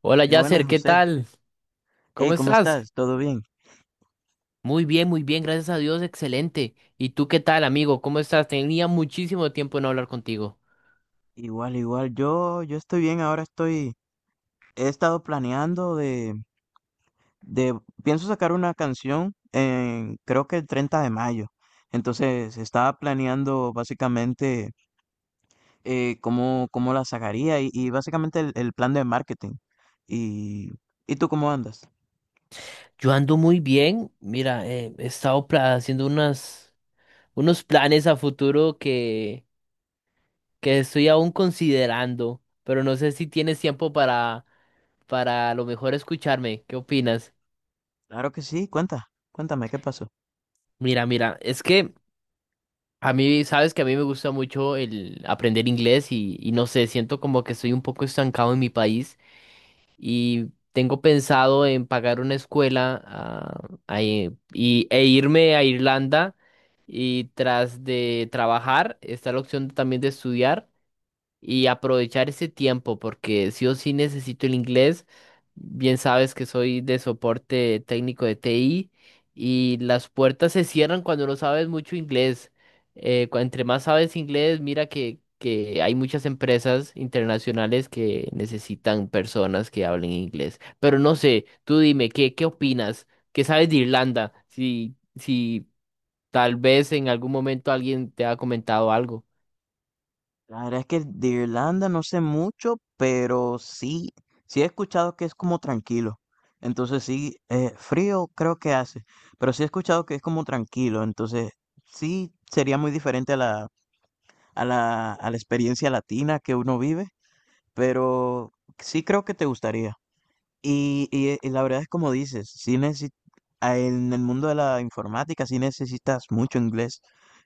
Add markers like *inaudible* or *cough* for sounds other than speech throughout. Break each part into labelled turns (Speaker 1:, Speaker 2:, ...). Speaker 1: Hola
Speaker 2: Buenas,
Speaker 1: Yasser, ¿qué
Speaker 2: José.
Speaker 1: tal?
Speaker 2: Hey,
Speaker 1: ¿Cómo
Speaker 2: ¿cómo
Speaker 1: estás?
Speaker 2: estás? ¿Todo bien?
Speaker 1: Muy bien, gracias a Dios, excelente. ¿Y tú qué tal, amigo? ¿Cómo estás? Tenía muchísimo tiempo de no hablar contigo.
Speaker 2: Igual, igual. Yo estoy bien. He estado planeando de, pienso sacar una canción en, creo que el 30 de mayo. Entonces, estaba planeando básicamente cómo la sacaría y básicamente el plan de marketing. Y, ¿Y tú cómo andas?
Speaker 1: Yo ando muy bien. Mira, he estado haciendo unos planes a futuro que estoy aún considerando, pero no sé si tienes tiempo para a lo mejor escucharme. ¿Qué opinas?
Speaker 2: Claro que sí. Cuéntame, ¿qué pasó?
Speaker 1: Mira, mira, es que a mí, sabes que a mí me gusta mucho el aprender inglés y no sé, siento como que estoy un poco estancado en mi país. Y tengo pensado en pagar una escuela e irme a Irlanda y tras de trabajar está la opción también de estudiar y aprovechar ese tiempo porque sí o sí necesito el inglés. Bien sabes que soy de soporte técnico de TI y las puertas se cierran cuando no sabes mucho inglés. Entre más sabes inglés, mira que hay muchas empresas internacionales que necesitan personas que hablen inglés. Pero no sé, tú dime, ¿ qué opinas? ¿Qué sabes de Irlanda? Si tal vez en algún momento alguien te ha comentado algo.
Speaker 2: La verdad es que de Irlanda no sé mucho, pero sí he escuchado que es como tranquilo. Entonces sí, frío creo que hace, pero sí he escuchado que es como tranquilo. Entonces sí sería muy diferente a la experiencia latina que uno vive, pero sí creo que te gustaría. Y la verdad es como dices, en el mundo de la informática sí necesitas mucho inglés.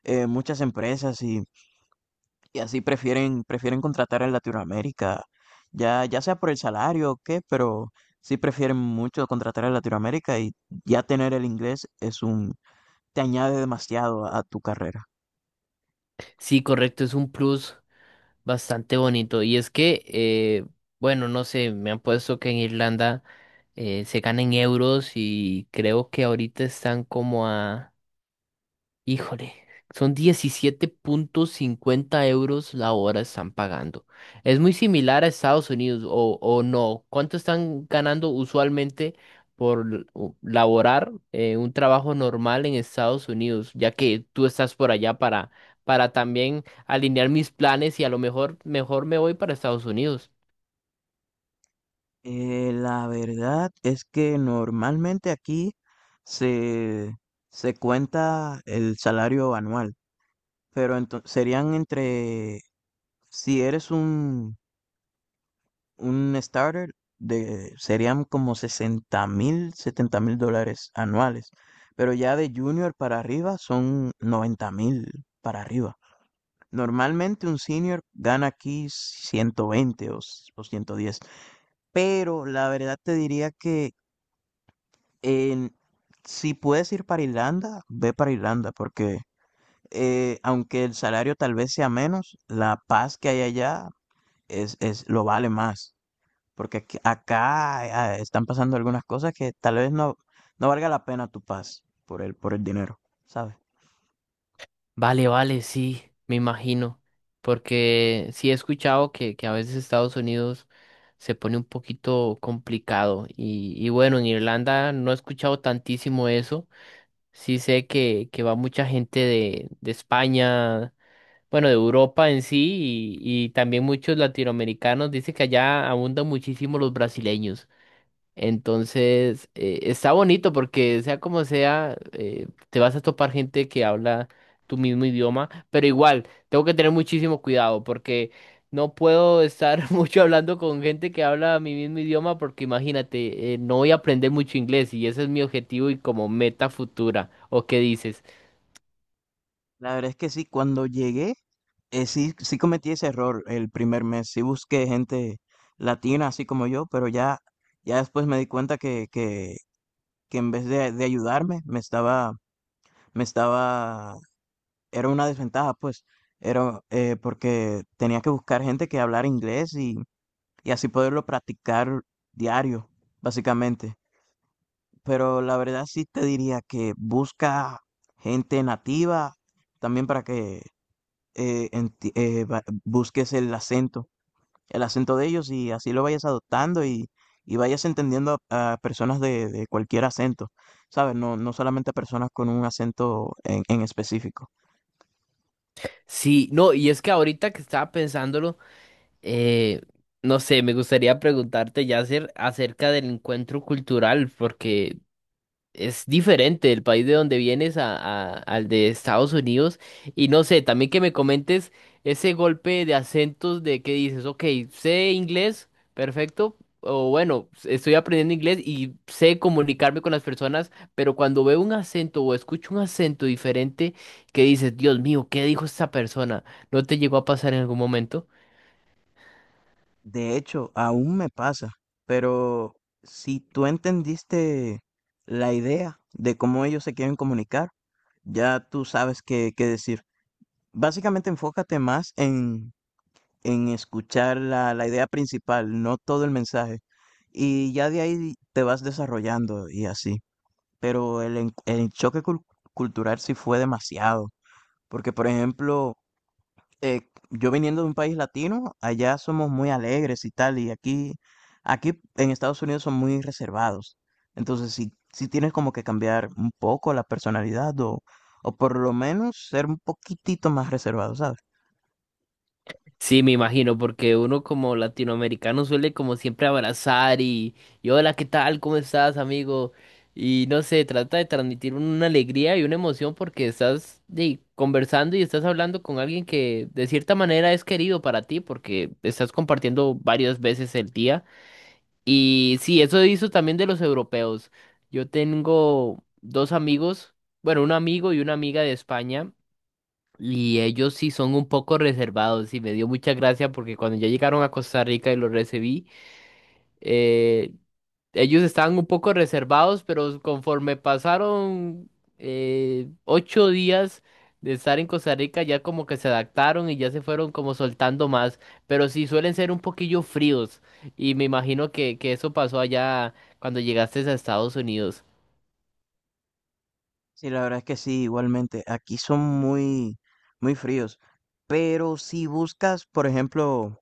Speaker 2: Muchas empresas y así prefieren contratar en Latinoamérica, ya sea por el salario o qué, pero sí prefieren mucho contratar en Latinoamérica y ya tener el inglés te añade demasiado a, tu carrera.
Speaker 1: Sí, correcto, es un plus. Bastante bonito. Y es que, bueno, no sé, me han puesto que en Irlanda se ganan euros y creo que ahorita están como a... Híjole, son 17,50 euros la hora están pagando. Es muy similar a Estados Unidos o no. ¿Cuánto están ganando usualmente por laborar un trabajo normal en Estados Unidos? Ya que tú estás por allá para también alinear mis planes y a lo mejor mejor me voy para Estados Unidos.
Speaker 2: La verdad es que normalmente aquí se, se cuenta el salario anual, pero serían entre, si eres un starter, serían como 60.000, 70.000 dólares anuales, pero ya de junior para arriba son 90.000 para arriba. Normalmente un senior gana aquí 120 o 110, pero la verdad te diría, En- si puedes ir para Irlanda, ve para Irlanda, porque aunque el salario tal vez sea menos, la paz que hay allá es lo vale más. Porque acá están pasando algunas cosas que tal vez no valga la pena tu paz por el dinero, ¿sabes?
Speaker 1: Vale, vale, sí, me imagino, porque sí he escuchado que a veces Estados Unidos se pone un poquito complicado y bueno, en Irlanda no he escuchado tantísimo eso, sí sé que va mucha gente de España, bueno, de Europa en sí y también muchos latinoamericanos, dice que allá abundan muchísimo los brasileños. Entonces, está bonito porque sea como sea, te vas a topar gente que habla tu mismo idioma, pero igual, tengo que tener muchísimo cuidado porque no puedo estar *laughs* mucho hablando con gente que habla mi mismo idioma porque imagínate, no voy a aprender mucho inglés y ese es mi objetivo y como meta futura. ¿O qué dices?
Speaker 2: La verdad es que sí, cuando llegué, sí cometí ese error el primer mes. Sí busqué gente latina, así como yo, pero ya después me di cuenta que en vez de ayudarme, me estaba, era una desventaja, pues, era porque tenía que buscar gente que hablara inglés y así poderlo practicar diario, básicamente. Pero la verdad sí te diría que busca gente nativa también para que busques el acento de ellos y así lo vayas adoptando y vayas entendiendo a personas de cualquier acento, ¿sabes? No, no solamente a personas con un acento en específico.
Speaker 1: Sí, no, y es que ahorita que estaba pensándolo, eh, no sé, me gustaría preguntarte, Yasser, acerca del encuentro cultural, porque es diferente el país de donde vienes al de Estados Unidos. Y no sé, también que me comentes ese golpe de acentos de que dices, ok, sé inglés, perfecto. O bueno, estoy aprendiendo inglés y sé comunicarme con las personas, pero cuando veo un acento o escucho un acento diferente, que dices, Dios mío, ¿qué dijo esta persona? ¿No te llegó a pasar en algún momento?
Speaker 2: De hecho, aún me pasa, pero si tú entendiste la idea de cómo ellos se quieren comunicar, ya tú sabes qué decir. Básicamente enfócate más en escuchar la idea principal, no todo el mensaje, y ya de ahí te vas desarrollando y así. Pero el choque cultural sí fue demasiado, porque por ejemplo, eh, yo viniendo de un país latino, allá somos muy alegres y tal, y aquí en Estados Unidos son muy reservados, entonces sí tienes como que cambiar un poco la personalidad o por lo menos ser un poquitito más reservado, ¿sabes?
Speaker 1: Sí, me imagino, porque uno como latinoamericano suele como siempre abrazar y hola, ¿qué tal? ¿Cómo estás, amigo? Y no sé, trata de transmitir una alegría y una emoción porque estás conversando y estás hablando con alguien que de cierta manera es querido para ti porque estás compartiendo varias veces el día. Y sí, eso hizo también de los europeos. Yo tengo dos amigos, bueno, un amigo y una amiga de España. Y ellos sí son un poco reservados y me dio mucha gracia porque cuando ya llegaron a Costa Rica y los recibí, eh, ellos estaban un poco reservados, pero conforme pasaron 8 días de estar en Costa Rica, ya como que se adaptaron y ya se fueron como soltando más, pero sí suelen ser un poquillo fríos y me imagino que eso pasó allá cuando llegaste a Estados Unidos.
Speaker 2: Sí, la verdad es que sí, igualmente, aquí son muy, muy fríos, pero si buscas, por ejemplo,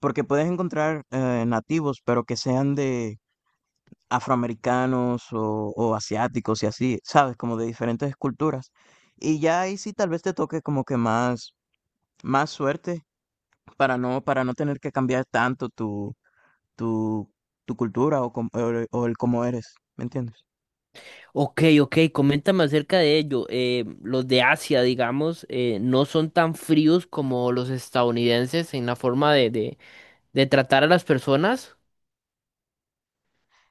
Speaker 2: porque puedes encontrar nativos, pero que sean afroamericanos o asiáticos y así, ¿sabes? Como de diferentes culturas. Y ya ahí sí tal vez te toque como que más suerte para no tener que cambiar tanto tu, tu cultura o, o el cómo eres, ¿me entiendes?
Speaker 1: Ok, ok, coméntame acerca de ello. Los de Asia, digamos, no son tan fríos como los estadounidenses en la forma de tratar a las personas.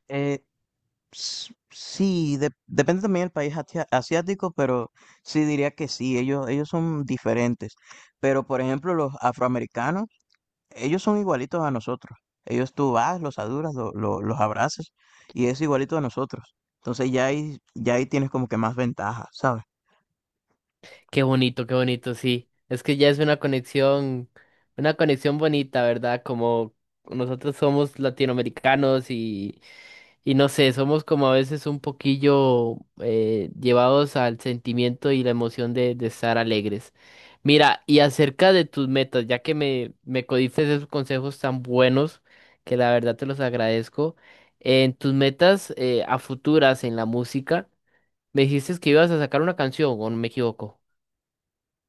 Speaker 2: Eh, sí, depende también del país asiático, pero sí diría que sí, ellos son diferentes. Pero por ejemplo, los afroamericanos, ellos son igualitos a nosotros. Ellos tú vas, los saludas, los abrazas y es igualito a nosotros. Entonces ya ahí tienes como que más ventaja, ¿sabes?
Speaker 1: Qué bonito, sí. Es que ya es una conexión bonita, ¿verdad? Como nosotros somos latinoamericanos y no sé, somos como a veces un poquillo llevados al sentimiento y la emoción de estar alegres. Mira, y acerca de tus metas, ya que me codiste esos consejos tan buenos, que la verdad te los agradezco, en tus metas a futuras en la música, me dijiste que ibas a sacar una canción, ¿o no me equivoco?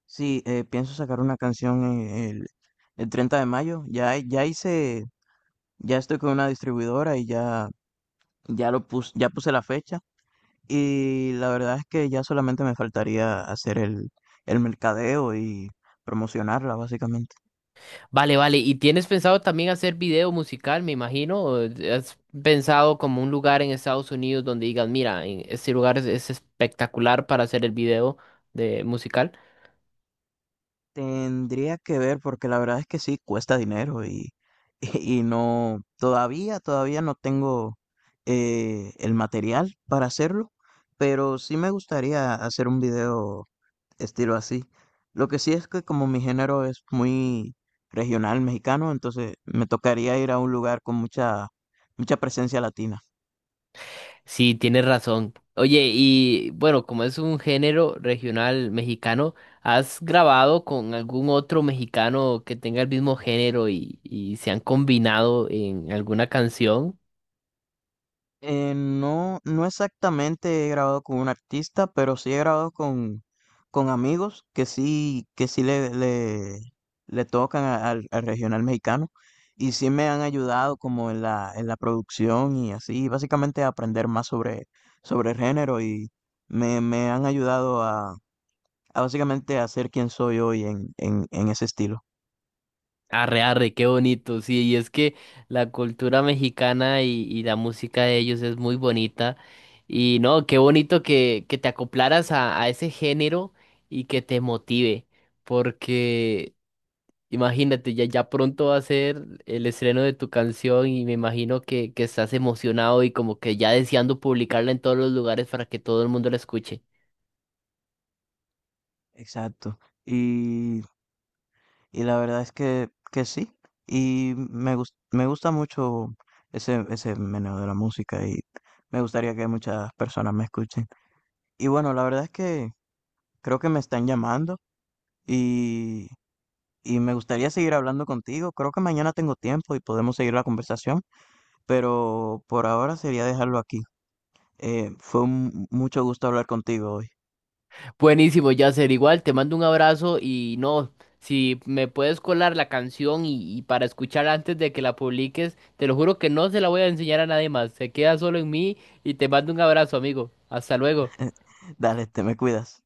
Speaker 2: Sí, pienso sacar una canción en el, el 30 de mayo. Ya hice, ya estoy con una distribuidora y ya lo puse, ya puse la fecha. Y la verdad es que ya solamente me faltaría hacer el mercadeo y promocionarla, básicamente.
Speaker 1: Vale, vale. ¿Y tienes pensado también hacer video musical, me imagino? ¿O ¿has pensado como un lugar en Estados Unidos donde digas, mira, en este lugar es espectacular para hacer el video de musical?
Speaker 2: Tendría que ver porque la verdad es que sí, cuesta dinero y, *laughs* y no, todavía no tengo el material para hacerlo, pero sí me gustaría hacer un video estilo así. Lo que sí es que como mi género es muy regional mexicano, entonces me tocaría ir a un lugar con mucha, mucha presencia latina.
Speaker 1: Sí, tienes razón. Oye, y bueno, como es un género regional mexicano, ¿has grabado con algún otro mexicano que tenga el mismo género y se han combinado en alguna canción?
Speaker 2: No, no exactamente he grabado con un artista, pero sí he grabado con amigos que sí le tocan al regional mexicano y sí me han ayudado como en la producción y así, básicamente a aprender más sobre el género y me han ayudado a, básicamente a ser quien soy hoy en ese estilo.
Speaker 1: Arre, arre, qué bonito, sí, y es que la cultura mexicana y la música de ellos es muy bonita, y no, qué bonito que te acoplaras a ese género y que te motive, porque imagínate, ya, ya pronto va a ser el estreno de tu canción y me imagino que estás emocionado y como que ya deseando publicarla en todos los lugares para que todo el mundo la escuche.
Speaker 2: Exacto. y Y la verdad es que sí. Y me gusta mucho ese meneo de la música y me gustaría que muchas personas me escuchen. Y bueno, la verdad es que creo que me están llamando y, y me gustaría seguir hablando contigo. Creo que mañana tengo tiempo y podemos seguir la conversación, pero por ahora sería dejarlo aquí. Fue un mucho gusto hablar contigo hoy.
Speaker 1: Buenísimo, Yasser. Igual te mando un abrazo y no, si me puedes colar la canción y para escuchar antes de que la publiques, te lo juro que no se la voy a enseñar a nadie más. Se queda solo en mí y te mando un abrazo, amigo. Hasta luego.
Speaker 2: Dale, te me cuidas.